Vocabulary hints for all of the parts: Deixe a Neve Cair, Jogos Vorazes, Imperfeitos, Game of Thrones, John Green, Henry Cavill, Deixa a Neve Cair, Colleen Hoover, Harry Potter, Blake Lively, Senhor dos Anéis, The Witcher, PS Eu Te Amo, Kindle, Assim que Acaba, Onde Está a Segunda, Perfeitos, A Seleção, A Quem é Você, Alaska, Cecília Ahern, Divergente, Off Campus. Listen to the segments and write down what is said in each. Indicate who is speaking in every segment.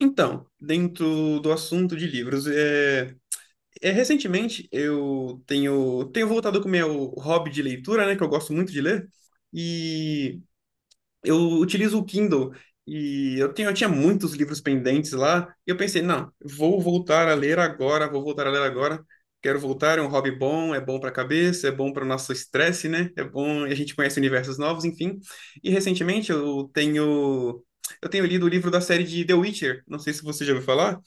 Speaker 1: Então, dentro do assunto de livros, recentemente eu tenho voltado com o meu hobby de leitura, né, que eu gosto muito de ler, e eu utilizo o Kindle e eu tinha muitos livros pendentes lá, e eu pensei, não, vou voltar a ler agora, vou voltar a ler agora. Quero voltar, é um hobby bom, é bom para a cabeça, é bom para o nosso estresse, né? É bom, a gente conhece universos novos, enfim. E recentemente eu tenho lido o livro da série de The Witcher, não sei se você já ouviu falar,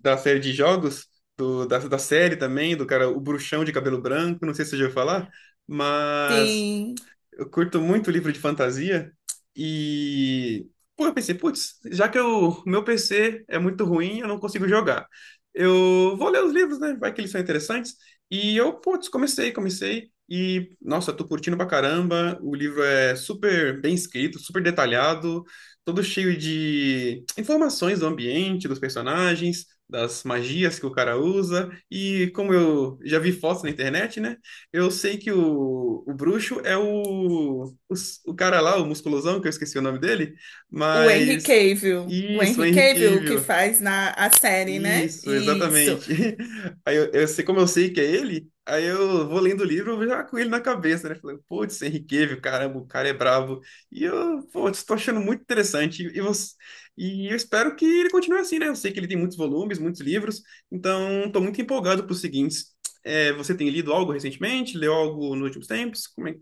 Speaker 1: da série de jogos, da série também, do cara, o bruxão de cabelo branco, não sei se você já ouviu falar, mas
Speaker 2: Sim,
Speaker 1: eu curto muito livro de fantasia e pô, eu pensei, putz, já que o meu PC é muito ruim, eu não consigo jogar. Eu vou ler os livros, né? Vai que eles são interessantes. E eu, putz, comecei e nossa, tô curtindo pra caramba. O livro é super bem escrito, super detalhado, todo cheio de informações do ambiente, dos personagens, das magias que o cara usa. E como eu já vi fotos na internet, né? Eu sei que o bruxo é o, o cara lá, o musculosão, que eu esqueci o nome dele,
Speaker 2: o Henry
Speaker 1: mas.
Speaker 2: Cavill. O
Speaker 1: Isso, o
Speaker 2: Henry
Speaker 1: Henry
Speaker 2: Cavill que
Speaker 1: Cavill.
Speaker 2: faz na a série, né?
Speaker 1: Isso,
Speaker 2: Isso.
Speaker 1: exatamente. Aí eu sei como eu sei que é ele, aí eu vou lendo o livro já com ele na cabeça, né? Falando, putz, Henrique Cavill, caramba, o cara é brabo. E eu, pô, estou achando muito interessante. E, você, e eu espero que ele continue assim, né? Eu sei que ele tem muitos volumes, muitos livros, então estou muito empolgado para os seguintes. É, você tem lido algo recentemente? Leu algo nos últimos tempos? Como é, o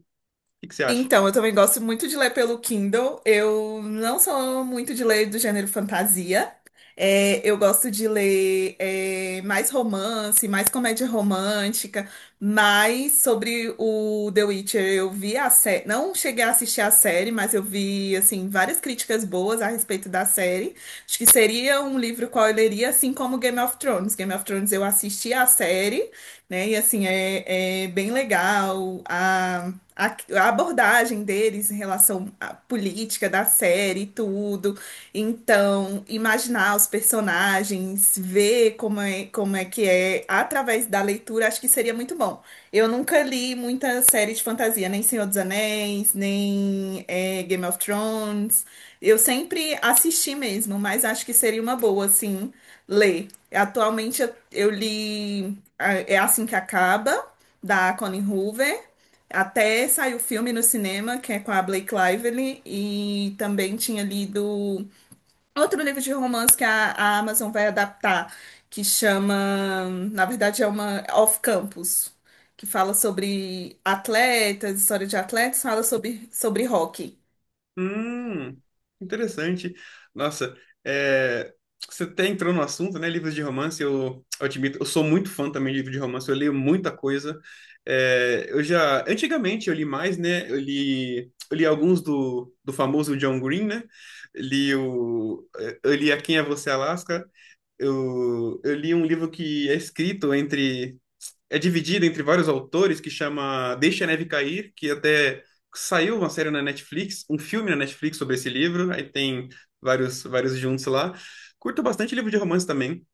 Speaker 1: que você acha?
Speaker 2: Então, eu também gosto muito de ler pelo Kindle. Eu não sou muito de ler do gênero fantasia. Eu gosto de ler mais romance, mais comédia romântica, mais sobre o The Witcher. Eu vi a série, não cheguei a assistir a série, mas eu vi assim várias críticas boas a respeito da série. Acho que seria um livro qual eu leria, assim como Game of Thrones. Game of Thrones eu assisti a série, né? E assim, é bem legal a abordagem deles em relação à política da série e tudo. Então, imaginar os personagens, ver como é que é através da leitura, acho que seria muito bom. Eu nunca li muita série de fantasia, nem Senhor dos Anéis, nem Game of Thrones. Eu sempre assisti mesmo, mas acho que seria uma boa, assim, ler. Atualmente eu li. É Assim que Acaba, da Colleen Hoover. Até saiu o filme no cinema, que é com a Blake Lively. E também tinha lido outro livro de romance que a Amazon vai adaptar, que chama, na verdade, é uma Off Campus, que fala sobre atletas, história de atletas, fala sobre, sobre hockey.
Speaker 1: Hum, interessante. Nossa, é, você até entrou no assunto, né? Livros de romance, eu admito, eu sou muito fã também de livro de romance, eu leio muita coisa. É, eu já, antigamente eu li mais, né? Eu li alguns do famoso John Green, né? Li o, eu li A Quem é Você, Alaska. Eu li um livro que é escrito entre é dividida entre vários autores que chama Deixe a Neve Cair, que até saiu uma série na Netflix, um filme na Netflix sobre esse livro, aí tem vários juntos lá. Curto bastante livro de romance também.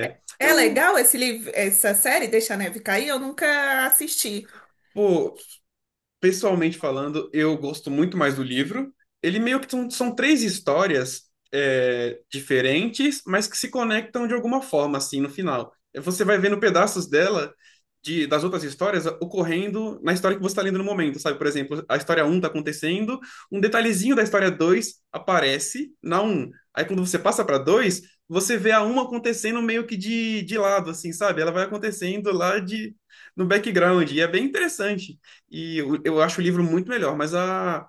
Speaker 2: É é
Speaker 1: eu,
Speaker 2: legal esse livro, essa série, Deixa a Neve Cair? Eu nunca assisti.
Speaker 1: pô, pessoalmente falando, eu gosto muito mais do livro. Ele meio que são, são três histórias é, diferentes, mas que se conectam de alguma forma, assim, no final. Você vai vendo pedaços dela, das outras histórias, ocorrendo na história que você está lendo no momento, sabe? Por exemplo, a história um está acontecendo, um detalhezinho da história 2 aparece na um. Aí quando você passa para 2 você vê a um acontecendo meio que de lado, assim, sabe? Ela vai acontecendo lá de, no background, e é bem interessante. E eu acho o livro muito melhor, mas a,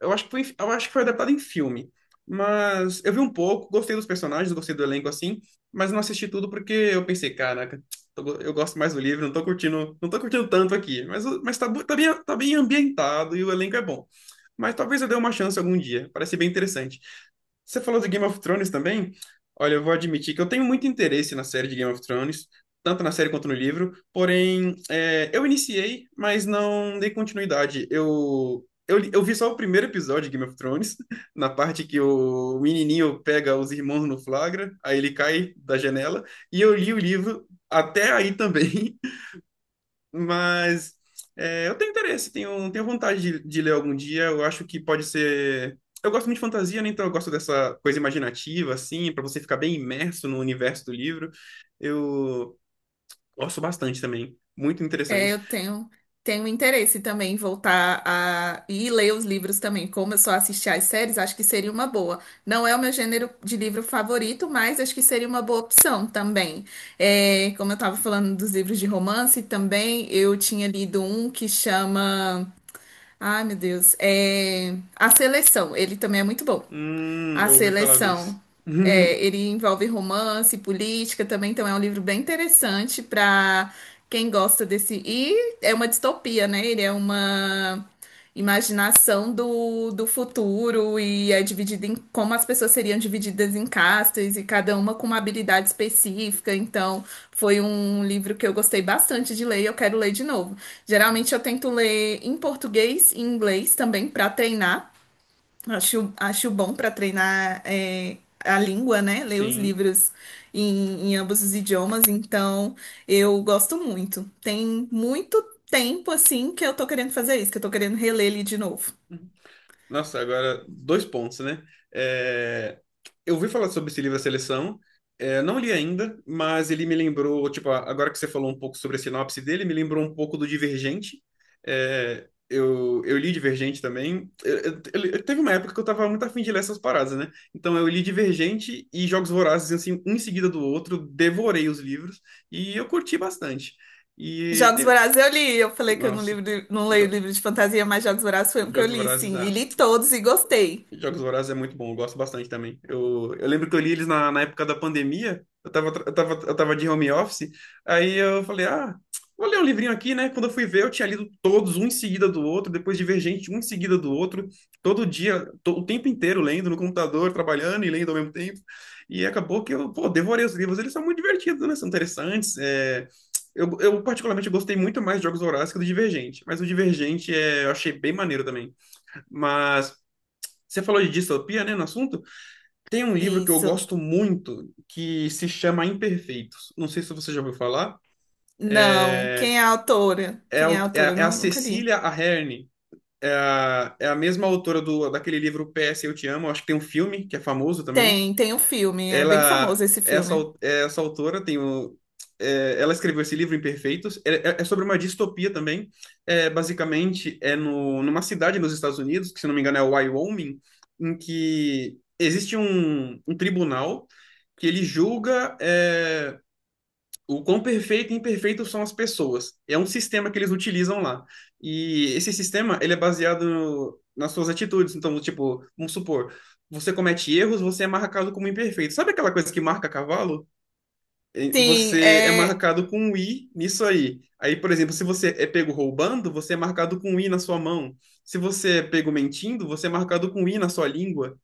Speaker 1: eu acho que foi, eu acho que foi adaptado em filme. Mas eu vi um pouco, gostei dos personagens, gostei do elenco assim, mas não assisti tudo porque eu pensei, caraca, eu gosto mais do livro, não tô curtindo, não tô curtindo tanto aqui. Mas, mas tá, tá bem ambientado e o elenco é bom. Mas talvez eu dê uma chance algum dia, parece bem interessante. Você falou do Game of Thrones também? Olha, eu vou admitir que eu tenho muito interesse na série de Game of Thrones, tanto na série quanto no livro, porém, é, eu iniciei, mas não dei continuidade. Eu vi só o primeiro episódio de Game of Thrones, na parte que o menininho pega os irmãos no flagra, aí ele cai da janela, e eu li o livro até aí também, mas é, eu tenho interesse, tenho vontade de ler algum dia. Eu acho que pode ser. Eu gosto muito de fantasia, né? Então eu gosto dessa coisa imaginativa, assim, para você ficar bem imerso no universo do livro. Eu gosto bastante também. Muito
Speaker 2: É,
Speaker 1: interessante.
Speaker 2: eu tenho, tenho interesse também em voltar a ler os livros também. Como eu só assisti às séries, acho que seria uma boa. Não é o meu gênero de livro favorito, mas acho que seria uma boa opção também. É, como eu estava falando dos livros de romance também, eu tinha lido um que chama. Ai, meu Deus. É... A Seleção. Ele também é muito bom. A
Speaker 1: Eu ouvi falar desse.
Speaker 2: Seleção. É, ele envolve romance, política também, então é um livro bem interessante para quem gosta desse. E é uma distopia, né? Ele é uma imaginação do futuro e é dividido em como as pessoas seriam divididas em castas e cada uma com uma habilidade específica. Então, foi um livro que eu gostei bastante de ler e eu quero ler de novo. Geralmente eu tento ler em português e em inglês também para treinar. Acho bom para treinar a língua, né? Ler os
Speaker 1: Sim.
Speaker 2: livros em ambos os idiomas, então eu gosto muito. Tem muito tempo assim que eu tô querendo fazer isso, que eu tô querendo reler ele de novo.
Speaker 1: Nossa, agora dois pontos, né? É, eu ouvi falar sobre esse livro A Seleção, é, não li ainda, mas ele me lembrou, tipo, a- agora que você falou um pouco sobre a sinopse dele, me lembrou um pouco do Divergente. É, eu li Divergente também. Teve uma época que eu tava muito afim de ler essas paradas, né? Então eu li Divergente e Jogos Vorazes, assim, um em seguida do outro, devorei os livros e eu curti bastante. E
Speaker 2: Jogos
Speaker 1: tem.
Speaker 2: Vorazes eu li, eu falei que eu não,
Speaker 1: Nossa,
Speaker 2: não leio
Speaker 1: Jo-
Speaker 2: livro de fantasia, mas Jogos Vorazes foi um que eu
Speaker 1: Jogos
Speaker 2: li,
Speaker 1: Vorazes,
Speaker 2: sim, e
Speaker 1: ah,
Speaker 2: li todos e gostei.
Speaker 1: Jogos Vorazes é muito bom, eu gosto bastante também. Eu lembro que eu li eles na época da pandemia, eu tava, eu tava, eu tava de home office, aí eu falei, ah, vou ler um livrinho aqui, né? Quando eu fui ver, eu tinha lido todos, um em seguida do outro, depois Divergente, um em seguida do outro, todo dia, o tempo inteiro lendo no computador, trabalhando e lendo ao mesmo tempo. E acabou que eu, pô, devorei os livros, eles são muito divertidos, né? São interessantes, é... eu particularmente gostei muito mais de Jogos Vorazes que do Divergente, mas o Divergente é, eu achei bem maneiro também. Mas você falou de distopia, né, no assunto? Tem um livro que eu
Speaker 2: Isso.
Speaker 1: gosto muito que se chama Imperfeitos. Não sei se você já ouviu falar.
Speaker 2: Não, quem é a autora?
Speaker 1: É
Speaker 2: Quem é
Speaker 1: a,
Speaker 2: a autora?
Speaker 1: É a
Speaker 2: Nunca li.
Speaker 1: Cecília Ahern. É a, é a mesma autora do, daquele livro PS Eu Te Amo. Acho que tem um filme que é famoso também.
Speaker 2: Tem, tem um filme, é bem famoso esse filme.
Speaker 1: Essa autora tem o é, ela escreveu esse livro Imperfeitos. É sobre uma distopia também. É, basicamente, é no, numa cidade nos Estados Unidos, que se não me engano é Wyoming, em que existe um tribunal que ele julga. É, o quão perfeito e imperfeito são as pessoas. É um sistema que eles utilizam lá. E esse sistema, ele é baseado nas suas atitudes. Então, tipo, vamos supor, você comete erros, você é marcado como imperfeito. Sabe aquela coisa que marca cavalo?
Speaker 2: Sim,
Speaker 1: Você é
Speaker 2: é.
Speaker 1: marcado com um i nisso aí. Aí, por exemplo, se você é pego roubando, você é marcado com um i na sua mão. Se você é pego mentindo, você é marcado com um i na sua língua.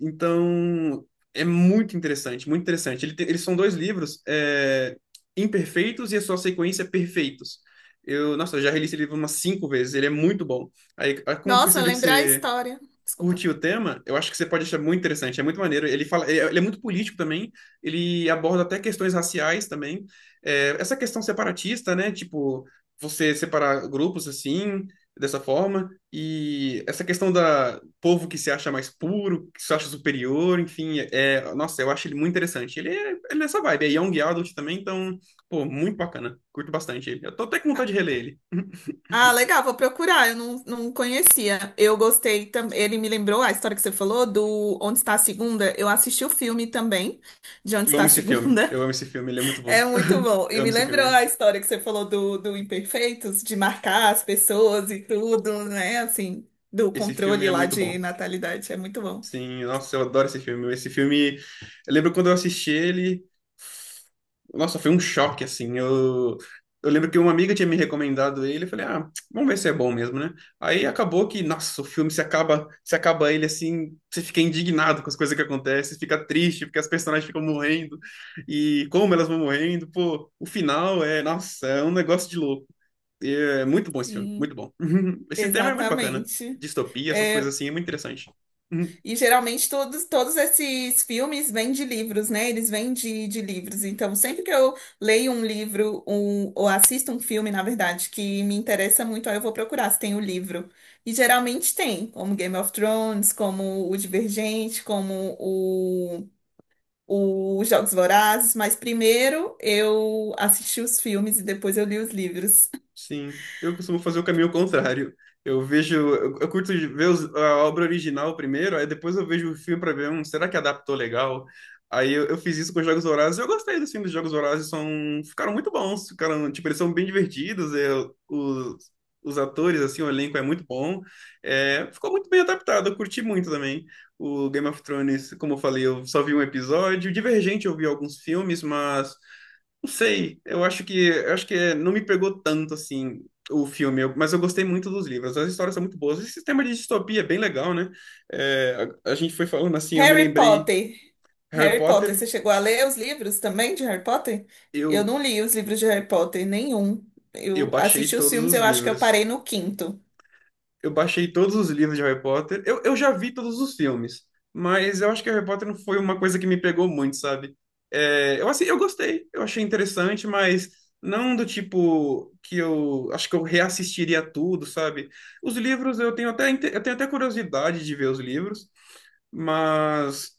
Speaker 1: Então, é muito interessante, muito interessante. Eles são dois livros, é, Imperfeitos e a sua sequência é Perfeitos. Eu, nossa, eu já reli esse livro umas cinco vezes, ele é muito bom. Aí como eu
Speaker 2: Nossa,
Speaker 1: percebi que
Speaker 2: lembrar a
Speaker 1: você
Speaker 2: história. Desculpa.
Speaker 1: curte o tema, eu acho que você pode achar muito interessante, é muito maneiro. Ele fala, ele é muito político também, ele aborda até questões raciais também. É, essa questão separatista, né? Tipo, você separar grupos assim, dessa forma, e essa questão da povo que se acha mais puro, que se acha superior, enfim, é, nossa, eu acho ele muito interessante. Ele é nessa vibe, é young adult também, então, pô, muito bacana. Curto bastante ele. Eu tô até com
Speaker 2: Ah,
Speaker 1: vontade de reler ele.
Speaker 2: ah, legal, vou procurar. Eu não, não conhecia. Eu gostei também. Ele me lembrou a história que você falou do Onde Está a Segunda. Eu assisti o filme também, de Onde
Speaker 1: Eu
Speaker 2: Está
Speaker 1: amo
Speaker 2: a
Speaker 1: esse filme.
Speaker 2: Segunda.
Speaker 1: Eu amo esse filme, ele é muito
Speaker 2: É
Speaker 1: bom.
Speaker 2: muito bom. E
Speaker 1: Eu amo
Speaker 2: me
Speaker 1: esse
Speaker 2: lembrou a
Speaker 1: filme.
Speaker 2: história que você falou do Imperfeitos, de marcar as pessoas e tudo, né? Assim, do
Speaker 1: Esse filme
Speaker 2: controle
Speaker 1: é
Speaker 2: lá
Speaker 1: muito
Speaker 2: de
Speaker 1: bom.
Speaker 2: natalidade. É muito bom.
Speaker 1: Sim, nossa, eu adoro esse filme. Esse filme, eu lembro quando eu assisti ele, nossa, foi um choque, assim. Eu lembro que uma amiga tinha me recomendado ele. Eu falei, ah, vamos ver se é bom mesmo, né? Aí acabou que, nossa, o filme se acaba, se acaba ele assim, você fica indignado com as coisas que acontecem, fica triste, porque as personagens ficam morrendo e como elas vão morrendo. Pô, o final é, nossa, é um negócio de louco. E é muito bom esse filme, muito
Speaker 2: Sim,
Speaker 1: bom. Esse tema é muito bacana.
Speaker 2: exatamente.
Speaker 1: Distopia, essas coisas
Speaker 2: É.
Speaker 1: assim, é muito interessante.
Speaker 2: E geralmente todos, todos esses filmes vêm de livros, né? Eles vêm de livros. Então, sempre que eu leio um livro, um, ou assisto um filme, na verdade, que me interessa muito, aí eu vou procurar se tem o livro. E geralmente tem, como Game of Thrones, como o Divergente, o Jogos Vorazes. Mas primeiro eu assisti os filmes e depois eu li os livros.
Speaker 1: Sim, eu costumo fazer o caminho contrário. Eu vejo, eu curto de ver a obra original primeiro, aí depois eu vejo o filme para ver, um será que adaptou legal? Aí eu fiz isso com os Jogos Vorazes. Eu gostei dos filmes dos Jogos Vorazes, são, ficaram muito bons, ficaram, tipo, eles são bem divertidos, é, os, os atores, assim, o elenco é muito bom. É, ficou muito bem adaptado, eu curti muito também. O Game of Thrones, como eu falei, eu só vi um episódio. Divergente, eu vi alguns filmes, mas não sei, eu acho que não me pegou tanto assim o filme, mas eu gostei muito dos livros. As histórias são muito boas. Esse sistema de distopia é bem legal, né? É, a gente foi falando assim, eu me
Speaker 2: Harry
Speaker 1: lembrei
Speaker 2: Potter.
Speaker 1: Harry
Speaker 2: Harry Potter, você
Speaker 1: Potter,
Speaker 2: chegou a ler os livros também de Harry Potter? Eu
Speaker 1: eu
Speaker 2: não li os livros de Harry Potter, nenhum.
Speaker 1: eu
Speaker 2: Eu
Speaker 1: baixei
Speaker 2: assisti os
Speaker 1: todos
Speaker 2: filmes,
Speaker 1: os
Speaker 2: eu acho que eu
Speaker 1: livros.
Speaker 2: parei no quinto.
Speaker 1: Eu baixei todos os livros de Harry Potter. Eu já vi todos os filmes, mas eu acho que Harry Potter não foi uma coisa que me pegou muito, sabe? É, eu, assim, eu gostei, eu achei interessante, mas não do tipo que eu acho que eu reassistiria tudo, sabe? Os livros eu tenho até, eu tenho até curiosidade de ver os livros, mas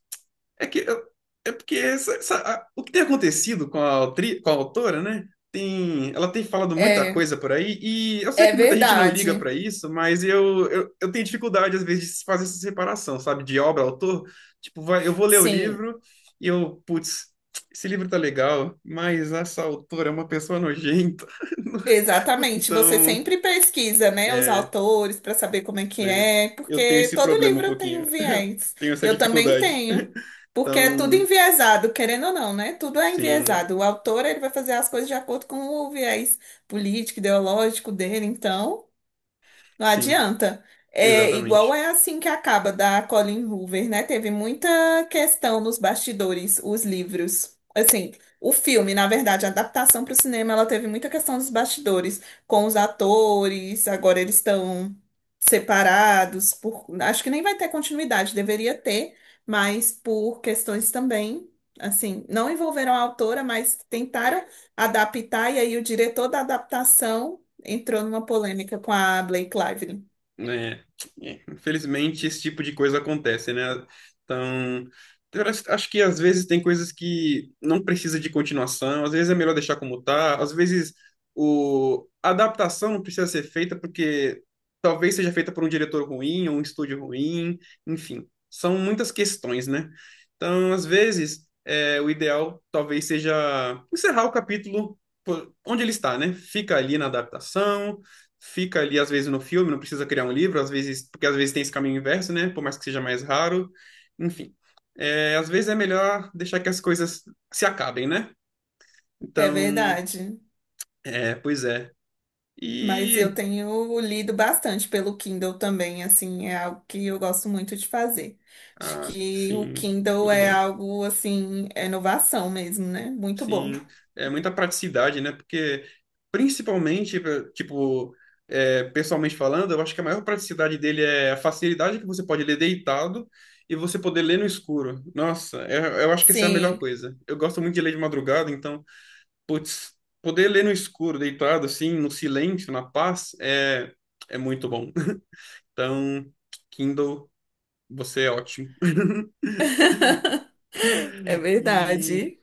Speaker 1: é que eu- é porque o que tem acontecido com a, com a autora, né? Tem, ela tem falado muita
Speaker 2: É,
Speaker 1: coisa por aí, e eu sei
Speaker 2: é
Speaker 1: que muita gente não liga para
Speaker 2: verdade.
Speaker 1: isso, mas eu tenho dificuldade, às vezes, de fazer essa separação, sabe? De obra, autor. Tipo, vai, eu vou ler o
Speaker 2: Sim.
Speaker 1: livro e eu, putz, esse livro tá legal, mas essa autora é uma pessoa nojenta.
Speaker 2: Exatamente, você
Speaker 1: Então,
Speaker 2: sempre pesquisa, né, os
Speaker 1: é,
Speaker 2: autores para saber como é que
Speaker 1: é,
Speaker 2: é,
Speaker 1: eu tenho
Speaker 2: porque
Speaker 1: esse
Speaker 2: todo
Speaker 1: problema um
Speaker 2: livro tem um
Speaker 1: pouquinho,
Speaker 2: viés.
Speaker 1: tenho essa
Speaker 2: Eu também
Speaker 1: dificuldade.
Speaker 2: tenho, porque é tudo
Speaker 1: Então,
Speaker 2: enviesado, querendo ou não, né? Tudo é
Speaker 1: sim,
Speaker 2: enviesado. O autor, ele vai fazer as coisas de acordo com o viés político, ideológico dele, então. Não
Speaker 1: sim.
Speaker 2: adianta. É igual
Speaker 1: Exatamente.
Speaker 2: é assim que acaba da Colin Hoover, né? Teve muita questão nos bastidores, os livros. Assim, o filme, na verdade, a adaptação para o cinema, ela teve muita questão dos bastidores com os atores. Agora eles estão separados por, acho que nem vai ter continuidade, deveria ter, mas por questões também, assim, não envolveram a autora, mas tentaram adaptar e aí o diretor da adaptação entrou numa polêmica com a Blake Lively.
Speaker 1: Né? É. Infelizmente, esse tipo de coisa acontece, né? Então, eu acho acho que às vezes tem coisas que não precisa de continuação, às vezes é melhor deixar como tá, às vezes o... a adaptação não precisa ser feita porque talvez seja feita por um diretor ruim ou um estúdio ruim, enfim, são muitas questões, né? Então, às vezes, é, o ideal talvez seja encerrar o capítulo onde ele está, né? Fica ali na adaptação fica ali às vezes no filme, não precisa criar um livro, às vezes, porque às vezes tem esse caminho inverso, né? Por mais que seja mais raro. Enfim, é, às vezes é melhor deixar que as coisas se acabem, né?
Speaker 2: É
Speaker 1: Então,
Speaker 2: verdade.
Speaker 1: é, pois é.
Speaker 2: Mas eu
Speaker 1: E,
Speaker 2: tenho lido bastante pelo Kindle também, assim, é algo que eu gosto muito de fazer. Acho
Speaker 1: ah,
Speaker 2: que o
Speaker 1: sim,
Speaker 2: Kindle
Speaker 1: muito
Speaker 2: é
Speaker 1: bom.
Speaker 2: algo, assim, é inovação mesmo, né? Muito bom.
Speaker 1: Sim, é muita praticidade, né? Porque, principalmente, tipo, é, pessoalmente falando, eu acho que a maior praticidade dele é a facilidade que você pode ler deitado e você poder ler no escuro. Nossa, eu acho que essa é a melhor
Speaker 2: Sim.
Speaker 1: coisa. Eu gosto muito de ler de madrugada, então, putz, poder ler no escuro, deitado, assim, no silêncio, na paz, é, é muito bom. Então, Kindle, você é ótimo.
Speaker 2: É
Speaker 1: E.
Speaker 2: verdade.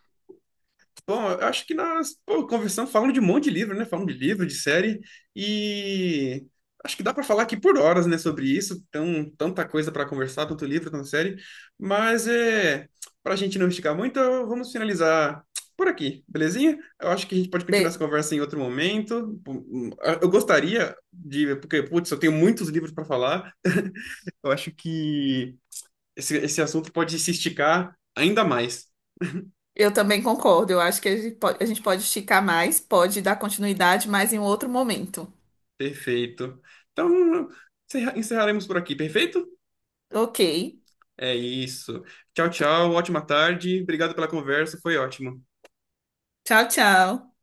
Speaker 1: Bom, eu acho que nós, pô, conversando, falando de um monte de livro, né? Falando de livro, de série, e acho que dá para falar aqui por horas, né, sobre isso. Tão, tanta coisa para conversar, tanto livro, tanta série. Mas é, para a gente não esticar muito, vamos finalizar por aqui, belezinha? Eu acho que a gente pode continuar
Speaker 2: Bem,
Speaker 1: essa conversa em outro momento. Eu gostaria de, porque, putz, eu tenho muitos livros para falar. Eu acho que esse assunto pode se esticar ainda mais.
Speaker 2: eu também concordo. Eu acho que a gente pode esticar mais, pode dar continuidade, mas em outro momento.
Speaker 1: Perfeito. Então, encerraremos por aqui, perfeito?
Speaker 2: Ok.
Speaker 1: É isso. Tchau, tchau. Ótima tarde. Obrigado pela conversa. Foi ótimo.
Speaker 2: Tchau, tchau.